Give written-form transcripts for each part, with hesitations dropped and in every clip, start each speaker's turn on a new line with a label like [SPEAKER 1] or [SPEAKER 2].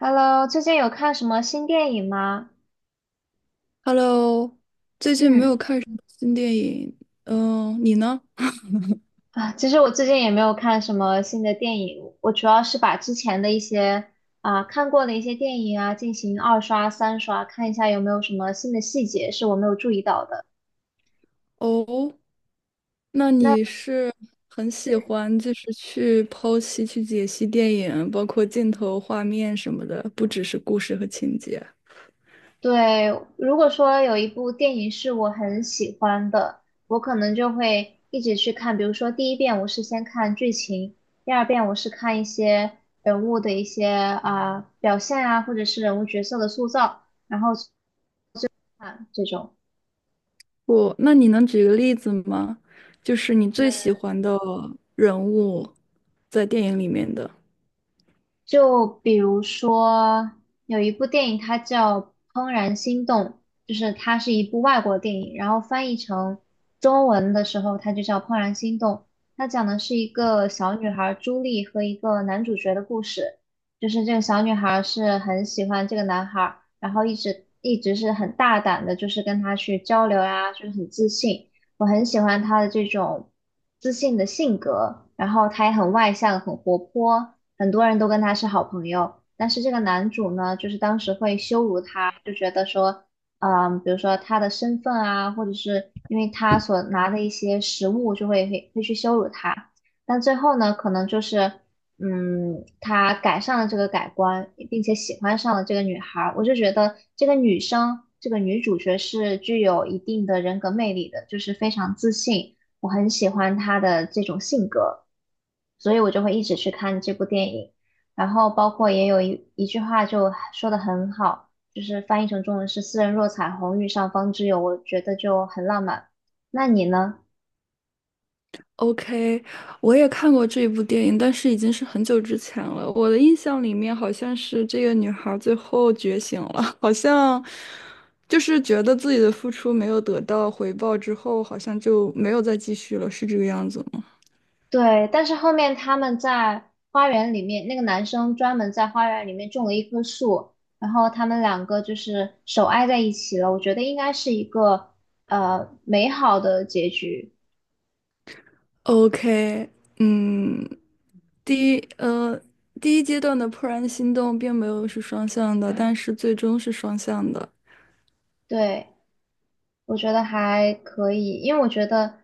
[SPEAKER 1] Hello,最近有看什么新电影吗？
[SPEAKER 2] Hello，最近没
[SPEAKER 1] 嗯，
[SPEAKER 2] 有看什么新电影，嗯，你呢？
[SPEAKER 1] 其实我最近也没有看什么新的电影，我主要是把之前的一些看过的一些电影进行二刷、三刷，看一下有没有什么新的细节是我没有注意到的。
[SPEAKER 2] 哦，那
[SPEAKER 1] 那
[SPEAKER 2] 你是很喜欢就是去剖析、去解析电影，包括镜头、画面什么的，不只是故事和情节。
[SPEAKER 1] 对，如果说有一部电影是我很喜欢的，我可能就会一直去看。比如说，第一遍我是先看剧情，第二遍我是看一些人物的一些啊、表现啊，或者是人物角色的塑造，然后去看这种。
[SPEAKER 2] 那你能举个例子吗？就是你最喜欢的人物在电影里面的。
[SPEAKER 1] 就比如说，有一部电影，它叫《怦然心动》，就是它是一部外国电影，然后翻译成中文的时候，它就叫《怦然心动》。它讲的是一个小女孩朱莉和一个男主角的故事，就是这个小女孩是很喜欢这个男孩儿，然后一直是很大胆的，就是跟他去交流呀、就是很自信。我很喜欢他的这种自信的性格，然后他也很外向，很活泼，很多人都跟他是好朋友。但是这个男主呢，就是当时会羞辱他，就觉得说，嗯，比如说他的身份啊，或者是因为他所拿的一些食物，就会去羞辱他。但最后呢，可能就是嗯，他改善了这个改观，并且喜欢上了这个女孩儿，我就觉得这个女生，这个女主角是具有一定的人格魅力的，就是非常自信，我很喜欢她的这种性格，所以我就会一直去看这部电影。然后包括也有一句话就说的很好，就是翻译成中文是“斯人若彩虹，遇上方知有”，我觉得就很浪漫。那你呢？
[SPEAKER 2] OK，我也看过这一部电影，但是已经是很久之前了。我的印象里面好像是这个女孩儿最后觉醒了，好像就是觉得自己的付出没有得到回报之后，好像就没有再继续了，是这个样子吗
[SPEAKER 1] 对，但是后面他们在花园里面，那个男生专门在花园里面种了一棵树，然后他们两个就是手挨在一起了。我觉得应该是一个美好的结局。
[SPEAKER 2] ？OK，嗯，第一呃第一阶段的怦然心动并没有是双向的，但是最终是双向的。
[SPEAKER 1] 对，我觉得还可以，因为我觉得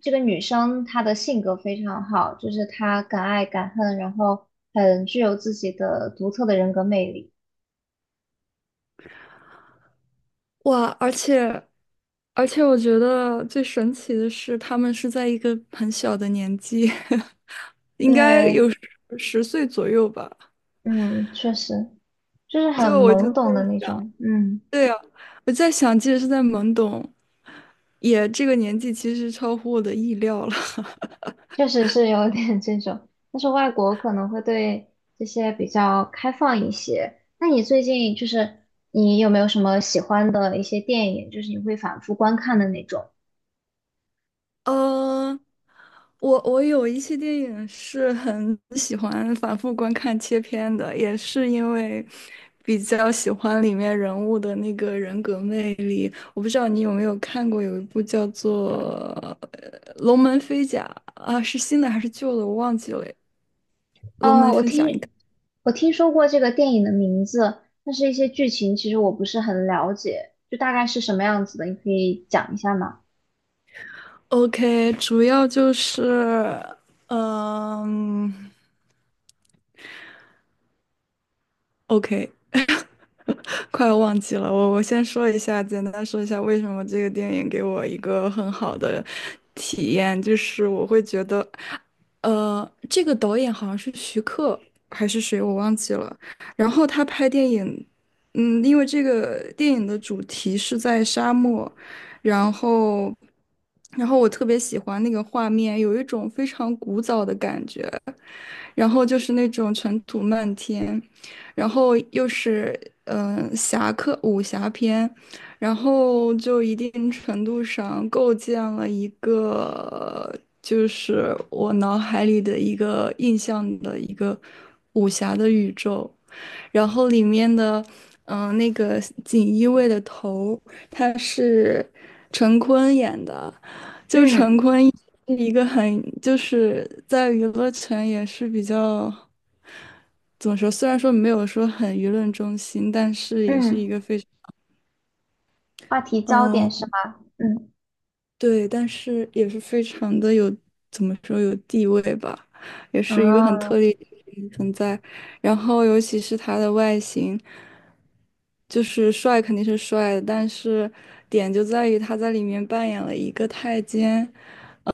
[SPEAKER 1] 这个女生她的性格非常好，就是她敢爱敢恨，然后很具有自己的独特的人格魅力。
[SPEAKER 2] 哇，而且，我觉得最神奇的是，他们是在一个很小的年纪，应该
[SPEAKER 1] 对，
[SPEAKER 2] 有十岁左右吧。
[SPEAKER 1] 嗯，确实就是很
[SPEAKER 2] 就我就
[SPEAKER 1] 懵
[SPEAKER 2] 在
[SPEAKER 1] 懂的那
[SPEAKER 2] 想，
[SPEAKER 1] 种，嗯。
[SPEAKER 2] 对呀，我在想，即使是在懵懂，也这个年纪其实超乎我的意料了。
[SPEAKER 1] 确实是有点这种，但是外国可能会对这些比较开放一些。那你最近就是你有没有什么喜欢的一些电影，就是你会反复观看的那种？
[SPEAKER 2] 呃，我有一些电影是很 喜欢反复观看切片的，也是因为比较喜欢里面人物的那个人格魅力。我不知道你有没有看过，有一部叫做龙门飞甲》啊，是新的还是旧的？我忘记了。《龙门
[SPEAKER 1] 哦，
[SPEAKER 2] 飞甲》，你看。
[SPEAKER 1] 我听说过这个电影的名字，但是一些剧情其实我不是很了解，就大概是什么样子的，你可以讲一下吗？
[SPEAKER 2] OK，主要就是，嗯，OK。快要忘记了，我先说一下，简单说一下为什么这个电影给我一个很好的体验，就是我会觉得，这个导演好像是徐克还是谁，我忘记了。然后他拍电影，因为这个电影的主题是在沙漠，然后，然后我特别喜欢那个画面，有一种非常古早的感觉。然后就是那种尘土漫天，然后又是侠客武侠片，然后就一定程度上构建了一个就是我脑海里的一个印象的一个武侠的宇宙，然后里面的那个锦衣卫的头他是陈坤演的。
[SPEAKER 1] 嗯
[SPEAKER 2] 一个很就是在娱乐圈也是比较怎么说，虽然说没有说很舆论中心，但是也是一
[SPEAKER 1] 嗯，
[SPEAKER 2] 个非常，
[SPEAKER 1] 话题焦点是
[SPEAKER 2] 嗯，
[SPEAKER 1] 吗？嗯，
[SPEAKER 2] 对，但是也是非常的有，怎么说有地位吧，也是一个很
[SPEAKER 1] 哦
[SPEAKER 2] 特立独行的存在。然后尤其是他的外形，就是帅肯定是帅的，但是点就在于他在里面扮演了一个太监，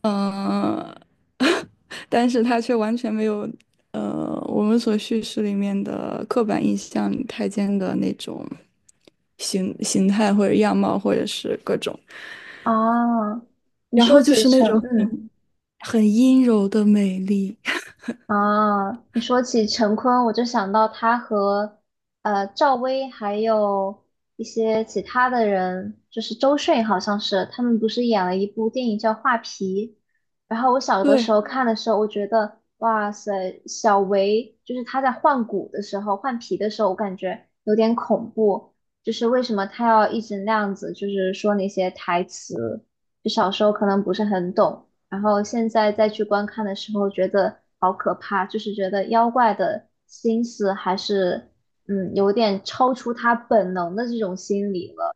[SPEAKER 2] 嗯、但是他却完全没有，我们所叙事里面的刻板印象里太监的那种形态或者样貌或者是各种。
[SPEAKER 1] 哦，你
[SPEAKER 2] 然
[SPEAKER 1] 说
[SPEAKER 2] 后就
[SPEAKER 1] 起
[SPEAKER 2] 是那
[SPEAKER 1] 成，
[SPEAKER 2] 种
[SPEAKER 1] 嗯
[SPEAKER 2] 很阴柔的美丽。
[SPEAKER 1] 啊，你说起陈坤，我就想到他和赵薇还有一些其他的人，就是周迅好像是，他们不是演了一部电影叫《画皮》，然后我小的
[SPEAKER 2] 对，
[SPEAKER 1] 时候看的时候，我觉得哇塞，小维就是他在换骨的时候、换皮的时候，我感觉有点恐怖，就是为什么他要一直那样子，就是说那些台词，就小时候可能不是很懂。然后现在再去观看的时候，觉得好可怕，就是觉得妖怪的心思还是嗯有点超出他本能的这种心理了。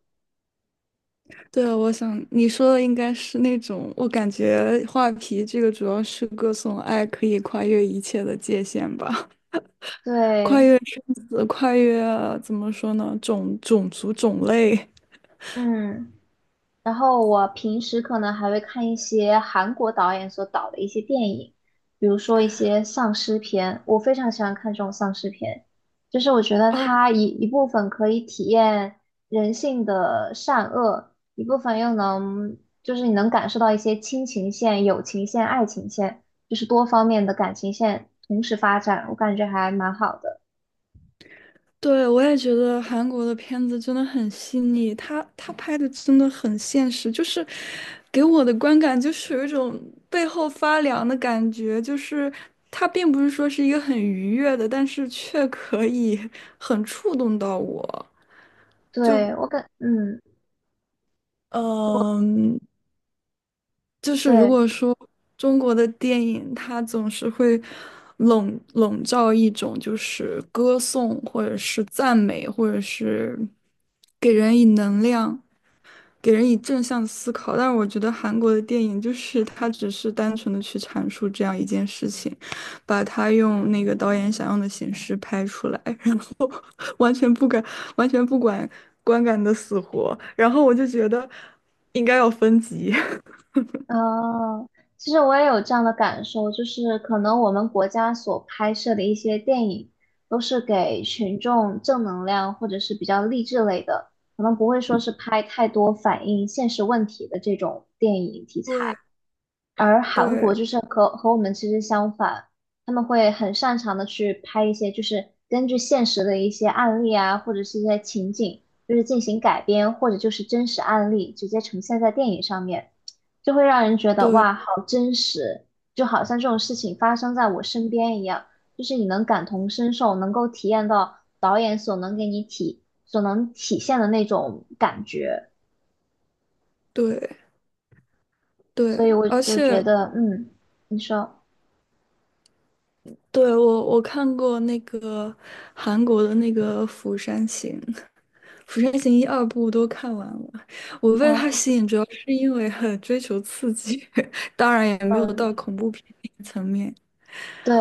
[SPEAKER 2] 对啊，我想你说的应该是那种，我感觉画皮这个主要是歌颂爱可以跨越一切的界限吧，
[SPEAKER 1] 对，
[SPEAKER 2] 跨越怎么说呢，种族种类。
[SPEAKER 1] 嗯。然后我平时可能还会看一些韩国导演所导的一些电影，比如说一些丧尸片，我非常喜欢看这种丧尸片，就是我觉得
[SPEAKER 2] 哦，
[SPEAKER 1] 它一部分可以体验人性的善恶，一部分又能就是你能感受到一些亲情线、友情线、爱情线，就是多方面的感情线同时发展，我感觉还蛮好的。
[SPEAKER 2] 对，我也觉得韩国的片子真的很细腻，他拍的真的很现实，就是给我的观感就是有一种背后发凉的感觉，就是他并不是说是一个很愉悦的，但是却可以很触动到我。
[SPEAKER 1] 对，我感，嗯，
[SPEAKER 2] 嗯，就是如
[SPEAKER 1] 对。
[SPEAKER 2] 果说中国的电影，它总是会笼罩一种就是歌颂，或者是赞美，或者是给人以能量。给人以正向思考，但是我觉得韩国的电影就是它只是单纯的去阐述这样一件事情，把它用那个导演想用的形式拍出来，然后 完全不敢，完全不管观感的死活，然后我就觉得应该要分级。
[SPEAKER 1] 哦，其实我也有这样的感受，就是可能我们国家所拍摄的一些电影，都是给群众正能量或者是比较励志类的，可能不会说是拍太多反映现实问题的这种电影题材。
[SPEAKER 2] 对
[SPEAKER 1] 而韩国
[SPEAKER 2] 对
[SPEAKER 1] 就是和我们其实相反，他们会很擅长的去拍一些就是根据现实的一些案例啊，或者是一些情景，就是进行改编，或者就是真实案例直接呈现在电影上面，就会让人觉得哇，
[SPEAKER 2] 对
[SPEAKER 1] 好真实，就好像这种事情发生在我身边一样，就是你能感同身受，能够体验到导演所能给你所能体现的那种感觉，
[SPEAKER 2] 对对，
[SPEAKER 1] 所以我
[SPEAKER 2] 而
[SPEAKER 1] 就觉
[SPEAKER 2] 且
[SPEAKER 1] 得，嗯，你说。
[SPEAKER 2] 对我看过那个韩国的那个《釜山行》，《釜山行》一二部都看完了。我被它
[SPEAKER 1] 嗯。
[SPEAKER 2] 吸引，主要是因为很追求刺激，当然也没有到
[SPEAKER 1] 嗯。
[SPEAKER 2] 恐怖片那个层面。
[SPEAKER 1] 对，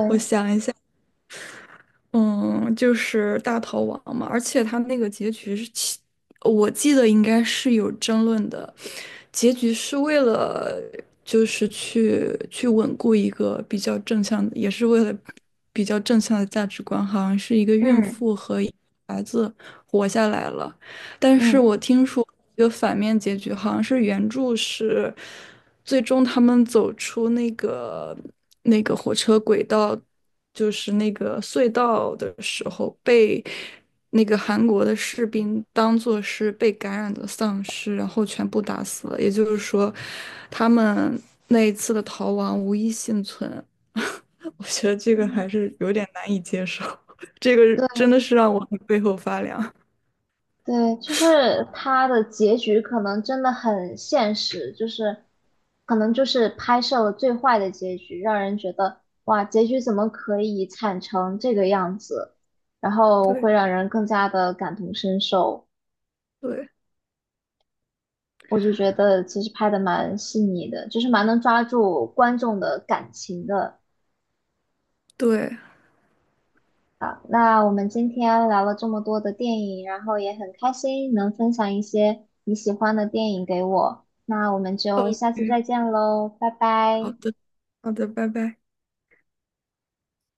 [SPEAKER 2] 嗯，就是大逃亡嘛，而且他那个结局是我记得应该是有争论的，结局是为了就是去稳固一个比较正向的，也是为了比较正向的价值观，好像是一个孕
[SPEAKER 1] 嗯
[SPEAKER 2] 妇和一个孩子活下来了，但是
[SPEAKER 1] 嗯，
[SPEAKER 2] 我听说有反面结局，好像是原著是。最终他们走出那个火车轨道，就是那个隧道的时候，被那个韩国的士兵当做是被感染的丧尸，然后全部打死了。也就是说，他们那一次的逃亡无一幸存。我觉得这个还
[SPEAKER 1] 嗯
[SPEAKER 2] 是有点难以接受，这个
[SPEAKER 1] 对
[SPEAKER 2] 真的是让我背后发凉。
[SPEAKER 1] 对，就是它的结局可能真的很现实，就是可能就是拍摄了最坏的结局，让人觉得哇，结局怎么可以惨成这个样子，然后
[SPEAKER 2] 对
[SPEAKER 1] 会让人更加的感同身受。
[SPEAKER 2] 对
[SPEAKER 1] 我就觉得其实拍的蛮细腻的，就是蛮能抓住观众的感情的。
[SPEAKER 2] 对
[SPEAKER 1] 好，那我们今天聊了这么多的电影，然后也很开心能分享一些你喜欢的电影给我。那我们就
[SPEAKER 2] ，OK，
[SPEAKER 1] 下次再见喽，拜拜。
[SPEAKER 2] 好的好的，拜拜。